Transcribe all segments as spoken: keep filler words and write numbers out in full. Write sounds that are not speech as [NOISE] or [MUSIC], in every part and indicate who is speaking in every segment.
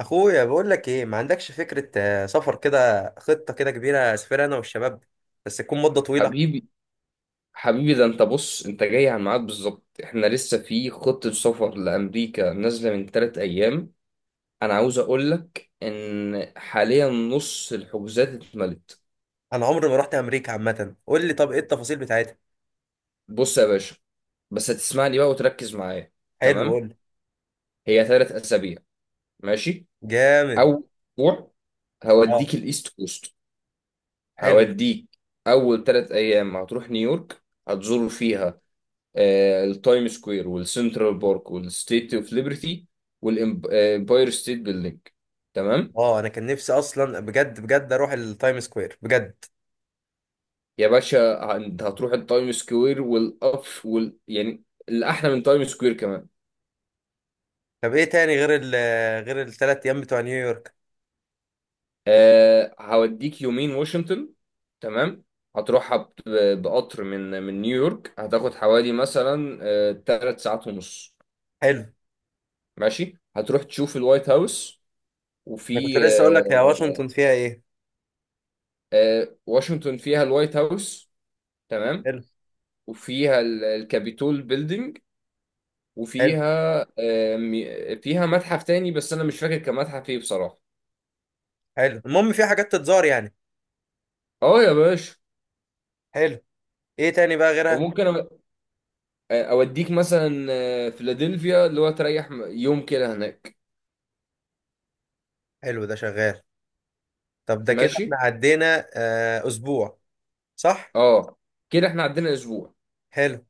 Speaker 1: اخويا بقول لك ايه، ما عندكش فكره. آه، سفر كده، خطه كده كبيره، اسافر انا والشباب. بس تكون مده طويله.
Speaker 2: حبيبي، حبيبي، ده انت بص، انت جاي على الميعاد بالظبط. احنا لسه في خطة سفر لأمريكا نازلة من تلات أيام. أنا عاوز أقول لك إن حاليا نص الحجوزات اتملت.
Speaker 1: انا عمري ما رحت امريكا عامه، قول لي طب ايه التفاصيل بتاعتها؟
Speaker 2: بص يا باشا، بس هتسمعني بقى وتركز معايا.
Speaker 1: حلو، قول
Speaker 2: تمام.
Speaker 1: لي.
Speaker 2: هي تلات أسابيع. ماشي.
Speaker 1: جامد.
Speaker 2: أول أسبوع
Speaker 1: اه،
Speaker 2: هوديك الإيست كوست.
Speaker 1: حلو.
Speaker 2: هوديك أول تلات أيام هتروح نيويورك، هتزور فيها آه، التايم سكوير والسنترال بارك والستيت اوف ليبرتي والامباير ستيت بيلدينج. تمام.
Speaker 1: اه، انا كان نفسي اصلا بجد بجد اروح التايم سكوير بجد.
Speaker 2: يا باشا ه- انت هتروح التايم سكوير والأف وال يعني، الأحلى من تايم سكوير كمان.
Speaker 1: طب ايه تاني غير ال غير الثلاث ايام بتوع نيويورك؟
Speaker 2: أه هوديك يومين واشنطن. تمام. هتروحها ب- بقطر، من من نيويورك هتاخد حوالي مثلا أه ثلاث ساعات ونص ساعات ونص.
Speaker 1: حلو.
Speaker 2: ماشي. هتروح تشوف الوايت هاوس،
Speaker 1: انا كنت
Speaker 2: وفي
Speaker 1: لسه اقول لك يا
Speaker 2: أه
Speaker 1: واشنطن فيها ايه؟
Speaker 2: آه، واشنطن فيها الوايت هاوس. تمام.
Speaker 1: حلو.
Speaker 2: وفيها ال- الكابيتول بيلدينج.
Speaker 1: حلو.
Speaker 2: وفيها آه، مي- فيها متحف تاني، بس انا مش فاكر كان متحف ايه بصراحه.
Speaker 1: حلو، المهم في حاجات تتزار يعني.
Speaker 2: اه يا باشا.
Speaker 1: حلو. ايه تاني بقى غيرها؟
Speaker 2: وممكن أ- اوديك مثلا آه، فيلادلفيا، اللي هو تريح م- يوم كده هناك.
Speaker 1: حلو، ده شغال. طب ده كده
Speaker 2: ماشي.
Speaker 1: احنا عدينا آه، اسبوع. صح.
Speaker 2: اه، كده احنا عندنا اسبوع.
Speaker 1: حلو.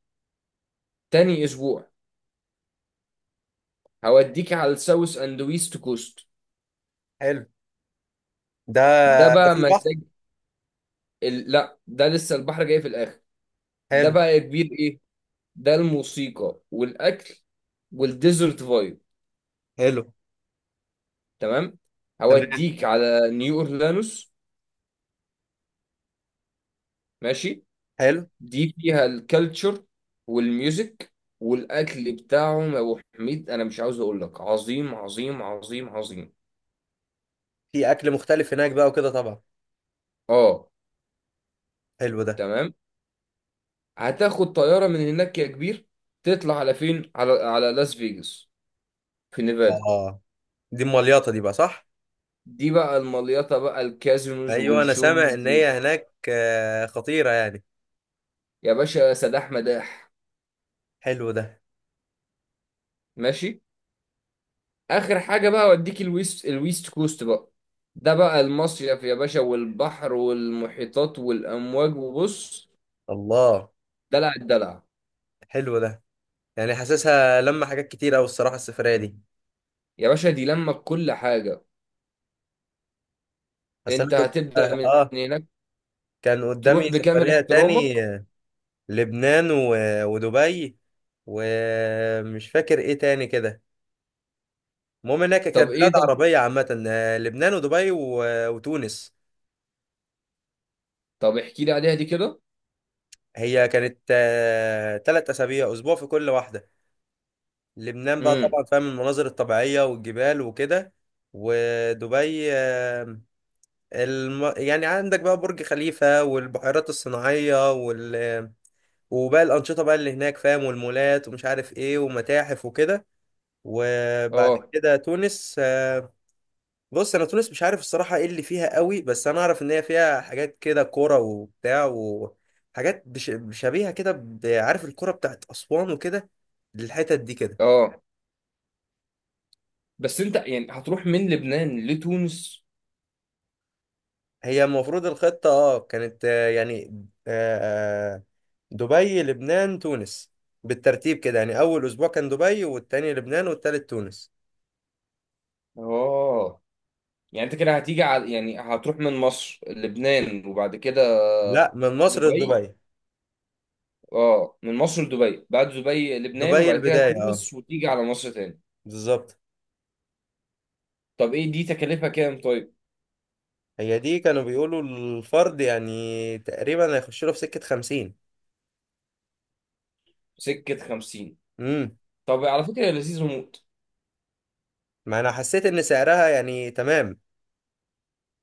Speaker 2: تاني اسبوع هوديك على الساوث اند ويست كوست.
Speaker 1: حلو ده.
Speaker 2: ده
Speaker 1: ده
Speaker 2: بقى
Speaker 1: في بحر.
Speaker 2: مزاج. ال... لا، ده لسه البحر جاي في الاخر. ده
Speaker 1: حلو.
Speaker 2: بقى يا كبير ايه، ده الموسيقى والاكل والديزرت فايب.
Speaker 1: حلو.
Speaker 2: تمام.
Speaker 1: تمام.
Speaker 2: هوديك على نيو اورلانوس. ماشي.
Speaker 1: حلو.
Speaker 2: دي فيها الكالتشر والميوزك والاكل بتاعهم، يا ابو حميد انا مش عاوز اقول لك، عظيم عظيم عظيم عظيم.
Speaker 1: في اكل مختلف هناك بقى وكده طبعا.
Speaker 2: اه.
Speaker 1: حلو ده.
Speaker 2: تمام. هتاخد طياره من هناك يا كبير، تطلع على فين؟ على على لاس فيجاس في نيفادا.
Speaker 1: اه، دي المليطه دي بقى صح.
Speaker 2: دي بقى المليطه بقى، الكازينوز
Speaker 1: ايوه، انا سامع ان
Speaker 2: والشوز و-
Speaker 1: هي هناك آه، خطيره يعني.
Speaker 2: يا باشا سداح مداح.
Speaker 1: حلو ده.
Speaker 2: ماشي. اخر حاجه بقى، اوديك الويست الويست كوست بقى. ده بقى المصيف يا باشا، والبحر والمحيطات والامواج وبص.
Speaker 1: الله.
Speaker 2: دلع الدلع.
Speaker 1: حلو ده. يعني حاسسها لما حاجات كتير قوي الصراحه السفريه دي.
Speaker 2: يا باشا دي لما كل حاجه،
Speaker 1: بس انا
Speaker 2: انت
Speaker 1: كنت،
Speaker 2: هتبدا
Speaker 1: اه
Speaker 2: من
Speaker 1: آه،
Speaker 2: هناك.
Speaker 1: كان قدامي
Speaker 2: تروح بكامل
Speaker 1: سفريه
Speaker 2: احترامك.
Speaker 1: تاني. لبنان و... ودبي، ومش فاكر ايه تاني كده. المهم انها ك-
Speaker 2: طب
Speaker 1: كانت
Speaker 2: ايه
Speaker 1: بلاد
Speaker 2: ده؟
Speaker 1: عربية عامة، آه، لبنان ودبي و... وتونس.
Speaker 2: طب احكي لي عليها دي كده.
Speaker 1: هي كانت ثلاث أسابيع، أسبوع في كل واحدة. لبنان بقى
Speaker 2: امم.
Speaker 1: طبعا، فاهم، المناظر الطبيعية والجبال وكده. ودبي، آه، الم... يعني عندك بقى برج خليفة والبحيرات الصناعية وال... وباقي الأنشطة بقى اللي هناك، فاهم، والمولات ومش عارف ايه ومتاحف وكده. وبعد
Speaker 2: اه،
Speaker 1: كده تونس. آه، بص، انا تونس مش عارف الصراحه ايه اللي فيها قوي، بس انا اعرف ان هي فيها حاجات كده كوره وبتاع، وحاجات بش- شبيهه كده، ب- عارف الكوره بتاعت اسوان وكده، للحتت دي كده.
Speaker 2: اه. بس انت يعني هتروح من لبنان لتونس؟
Speaker 1: هي المفروض الخطه اه كانت، آه، يعني آه، آه، دبي لبنان تونس، بالترتيب كده، يعني اول اسبوع كان دبي والتاني لبنان والتالت تونس.
Speaker 2: اه. يعني انت كده هتيجي على، يعني هتروح من مصر لبنان وبعد كده
Speaker 1: لا، من مصر
Speaker 2: دبي.
Speaker 1: لدبي.
Speaker 2: اه، من مصر لدبي، بعد دبي لبنان،
Speaker 1: دبي
Speaker 2: وبعد كده
Speaker 1: البدايه، اه.
Speaker 2: تونس، وتيجي على مصر تاني.
Speaker 1: بالظبط.
Speaker 2: طب ايه، دي تكلفة كام طيب؟
Speaker 1: هي دي كانوا بيقولوا الفرد يعني تقريبا هيخش له في سكه خمسين.
Speaker 2: سكة خمسين.
Speaker 1: امم.
Speaker 2: طب على فكرة هي لذيذة موت.
Speaker 1: ما انا حسيت ان سعرها يعني تمام،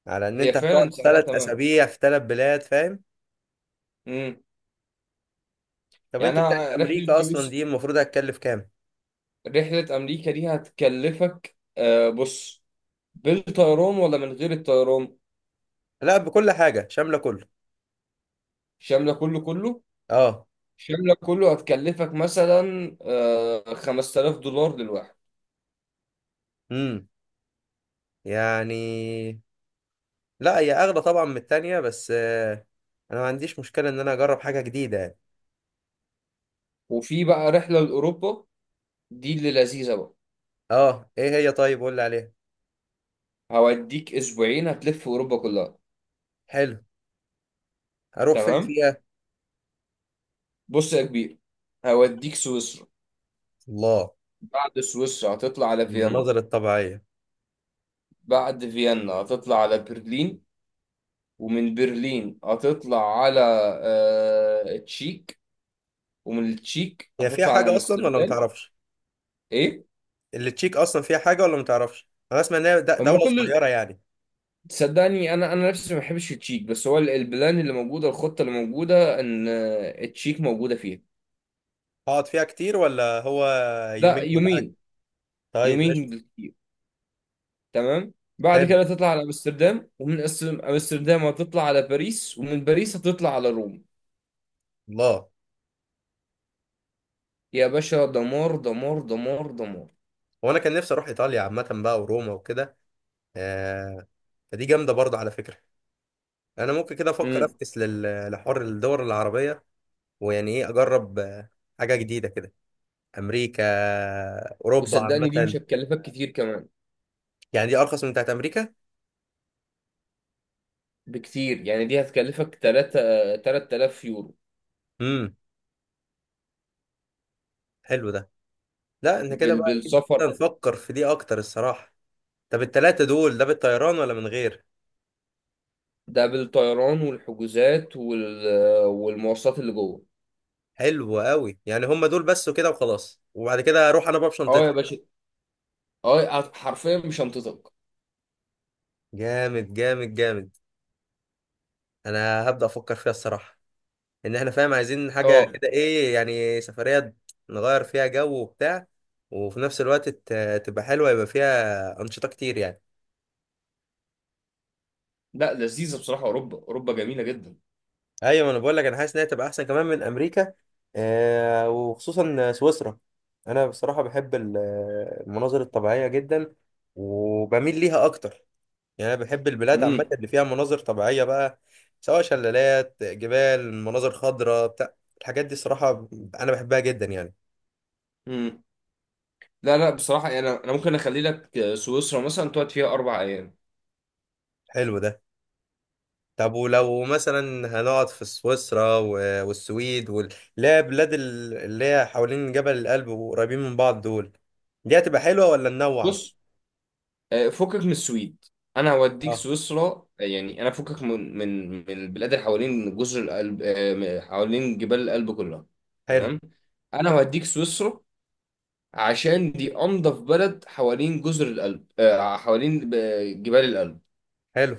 Speaker 1: على ان
Speaker 2: هي
Speaker 1: انت هتقعد
Speaker 2: فعلا سعرها
Speaker 1: ثلاث
Speaker 2: تمام.
Speaker 1: اسابيع في ثلاث بلاد، فاهم.
Speaker 2: امم.
Speaker 1: طب انت
Speaker 2: يعني
Speaker 1: بتاعت
Speaker 2: انا رحلة
Speaker 1: امريكا اصلا
Speaker 2: يوسف،
Speaker 1: دي المفروض هتكلف كام؟
Speaker 2: رحلة امريكا دي هتكلفك، آه بص، بالطيران ولا من غير الطيران؟
Speaker 1: لا، بكل حاجه، شامله كله.
Speaker 2: شاملة كله كله،
Speaker 1: اه.
Speaker 2: شاملة كله هتكلفك مثلا آه خمس تلاف دولار للواحد.
Speaker 1: امم. يعني لا هي اغلى طبعا من التانية، بس آه، انا ما عنديش مشكله ان انا اجرب حاجه جديده يعني.
Speaker 2: وفي بقى رحلة لأوروبا، دي اللي لذيذة بقى.
Speaker 1: اه، ايه هي؟ طيب قول لي عليها.
Speaker 2: هوديك اسبوعين هتلف اوروبا كلها.
Speaker 1: حلو. هروح فين
Speaker 2: تمام.
Speaker 1: فيها؟
Speaker 2: بص يا كبير، هوديك سويسرا.
Speaker 1: الله.
Speaker 2: بعد سويسرا هتطلع على فيينا،
Speaker 1: المناظر الطبيعيه.
Speaker 2: بعد فيينا هتطلع على برلين، ومن برلين هتطلع على آه، تشيك، ومن التشيك
Speaker 1: هي فيها
Speaker 2: هتطلع على
Speaker 1: حاجه اصلا ولا ما
Speaker 2: امستردام.
Speaker 1: تعرفش؟
Speaker 2: ايه،
Speaker 1: اللي تشيك اصلا فيها حاجه ولا ما تعرفش؟ انا اسمع ان هي د-
Speaker 2: هما
Speaker 1: دوله
Speaker 2: كل
Speaker 1: صغيره يعني.
Speaker 2: تصدقني، انا انا نفسي ما بحبش التشيك، بس هو ال- البلان اللي موجوده، الخطه اللي موجوده ان آه، التشيك موجوده فيها.
Speaker 1: هقعد فيها كتير ولا هو
Speaker 2: لا،
Speaker 1: يومين ولا حاجة؟
Speaker 2: يومين.
Speaker 1: طيب، قشطة.
Speaker 2: يومين. تمام. بعد
Speaker 1: حلو.
Speaker 2: كده تطلع على امستردام، ومن أس- امستردام هتطلع على باريس، ومن باريس هتطلع على روم.
Speaker 1: الله.
Speaker 2: يا باشا دمار دمار دمار دمار.
Speaker 1: وانا كان نفسي اروح ايطاليا عامة بقى وروما وكده. آه. فدي جامدة برضه على فكرة. انا ممكن كده افكر
Speaker 2: امم.
Speaker 1: افكس لل- لحوار الدول العربية، ويعني ايه، اجرب آه، حاجة جديدة كده. امريكا، اوروبا
Speaker 2: وصدقني دي مش
Speaker 1: عامة.
Speaker 2: هتكلفك كتير كمان،
Speaker 1: يعني دي ارخص من بتاعت امريكا؟
Speaker 2: بكتير. يعني دي هتكلفك تلاتة 3000 يورو.
Speaker 1: امم. حلو ده. لا احنا كده
Speaker 2: بال...
Speaker 1: بقى، إيه، كده
Speaker 2: بالسفر.
Speaker 1: نفكر في دي اكتر الصراحة. طب التلاتة دول ده بالطيران ولا من غير؟
Speaker 2: ده بالطيران والحجوزات وال... والمواصلات اللي جوه.
Speaker 1: حلو قوي. يعني هم دول بس وكده وخلاص، وبعد كده اروح انا بقى
Speaker 2: اه يا
Speaker 1: بشنطتها.
Speaker 2: باشا. اه هت- حرفيا مش هنطقك.
Speaker 1: جامد جامد جامد. انا هبدأ افكر فيها الصراحة. ان احنا، فاهم، عايزين حاجة
Speaker 2: اه.
Speaker 1: كده، ايه يعني، سفرية نغير فيها جو وبتاع، وفي نفس الوقت ت- تبقى حلوة، يبقى فيها أنشطة كتير يعني.
Speaker 2: لا، لذيذه بصراحه، اوروبا، اوروبا جميله جدا.
Speaker 1: ايوه، ما انا بقول لك، انا حاسس انها تبقى احسن كمان من امريكا، آه وخصوصا سويسرا. انا بصراحة بحب ال- المناظر الطبيعية جدا، وبميل ليها اكتر. يعني انا بحب البلاد عامه اللي فيها مناظر طبيعيه بقى، سواء شلالات، جبال، مناظر خضراء، بتاع الحاجات دي صراحه انا بحبها جدا يعني.
Speaker 2: امم. لا، لا، بصراحة يعني، أنا أنا ممكن أخلي لك آه، سويسرا مثلا تقعد فيها أربع أيام.
Speaker 1: حلو ده. طب ولو مثلا هنقعد في سويسرا و- والسويد وال- اللي هي بلاد ال- اللي هي حوالين جبل الألب وقريبين من بعض، دول دي هتبقى حلوه ولا ننوع؟
Speaker 2: بص، آه، فكك من السويد. أنا هوديك
Speaker 1: اه،
Speaker 2: سويسرا. آه، يعني أنا فكك من من من البلاد اللي حوالين جزر القلب، آه، حوالين جبال الألب كلها.
Speaker 1: حلو.
Speaker 2: تمام. أنا هوديك سويسرا، عشان دي أنظف بلد حوالين جزر القلب، آه، حوالين آه، جبال الألب.
Speaker 1: حلو.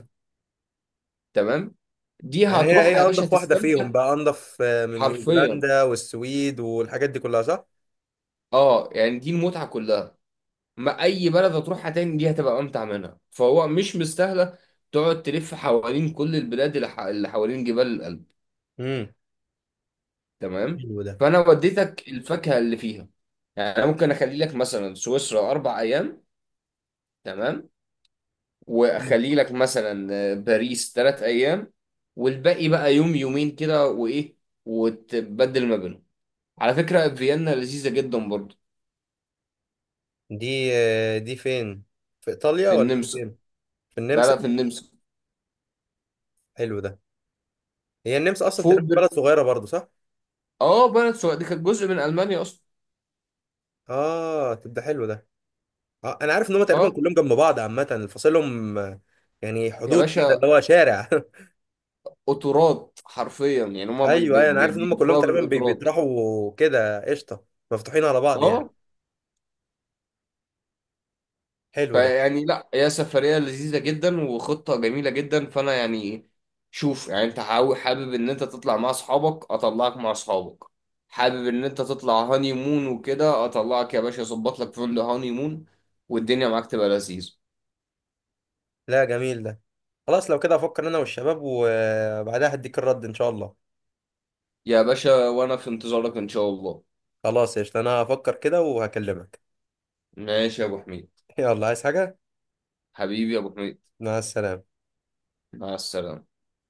Speaker 2: تمام. دي
Speaker 1: يعني هي
Speaker 2: هتروح يا
Speaker 1: هي
Speaker 2: باشا
Speaker 1: انضف واحده فيهم
Speaker 2: تستمتع.
Speaker 1: بقى، انضف، آه، من
Speaker 2: حرفيا.
Speaker 1: نيوزيلندا والسويد والحاجات دي كلها، صح.
Speaker 2: اه يعني دي المتعة كلها. ما اي بلد هتروحها تاني دي هتبقى امتع منها، فهو مش مستاهله تقعد تلف حوالين كل البلاد اللي ح- اللي حوالين جبال الألب.
Speaker 1: امم.
Speaker 2: تمام.
Speaker 1: حلو ده.
Speaker 2: فانا وديتك الفاكهه اللي فيها. يعني انا ممكن اخلي لك مثلا سويسرا اربع ايام. تمام. واخلي لك مثلا آه، باريس ثلاث ايام. والباقي بقى يوم يومين كده وايه، وتبدل ما بينهم. على فكره فيينا لذيذه جدا برضه.
Speaker 1: دي، آه، دي فين، في ايطاليا
Speaker 2: في
Speaker 1: ولا دي
Speaker 2: النمسا.
Speaker 1: فين؟ في
Speaker 2: لا،
Speaker 1: النمسا.
Speaker 2: لا، في النمسا.
Speaker 1: حلو ده. هي النمسا اصلا
Speaker 2: فوق
Speaker 1: تقريبا
Speaker 2: بر...
Speaker 1: بلد صغيره برضو، صح؟
Speaker 2: اه، بلد سويسرا دي كانت جزء من المانيا اصلا.
Speaker 1: اه، تبقى حلو ده. آه انا عارف ان هم تقريبا
Speaker 2: اه
Speaker 1: كلهم جنب بعض عامه، فاصلهم آه، يعني
Speaker 2: يا
Speaker 1: حدود كده اللي
Speaker 2: باشا،
Speaker 1: هو شارع [LAUGHS]
Speaker 2: قطورات حرفيا، يعني هما بي-
Speaker 1: ايوه
Speaker 2: بي-
Speaker 1: ايوه، انا
Speaker 2: بي-
Speaker 1: عارف ان هم كلهم
Speaker 2: بيلفوها
Speaker 1: تقريبا بي-
Speaker 2: بالقطورات.
Speaker 1: بيطرحوا كده، قشطه، مفتوحين على بعض يعني.
Speaker 2: اه.
Speaker 1: حلو ده.
Speaker 2: فيعني لا، هي سفرية لذيذة جدا وخطة جميلة جدا، فانا يعني شوف، يعني انت حاو- حابب ان انت تطلع مع اصحابك، اطلعك مع اصحابك. حابب ان انت تطلع هاني مون وكده، اطلعك يا باشا، اظبط لك فندق هاني مون والدنيا معاك تبقى لذيذة.
Speaker 1: لا، جميل ده. خلاص، لو كده هفكر انا والشباب، وبعدها هديك الرد ان شاء الله.
Speaker 2: يا باشا وانا في انتظارك ان شاء الله.
Speaker 1: خلاص، قشطه، انا هفكر كده وهكلمك.
Speaker 2: ماشي يا ابو حميد.
Speaker 1: [LAUGHS] يلا، عايز حاجه؟
Speaker 2: حبيبي يا ابو حميد.
Speaker 1: مع السلامه.
Speaker 2: مع السلامة.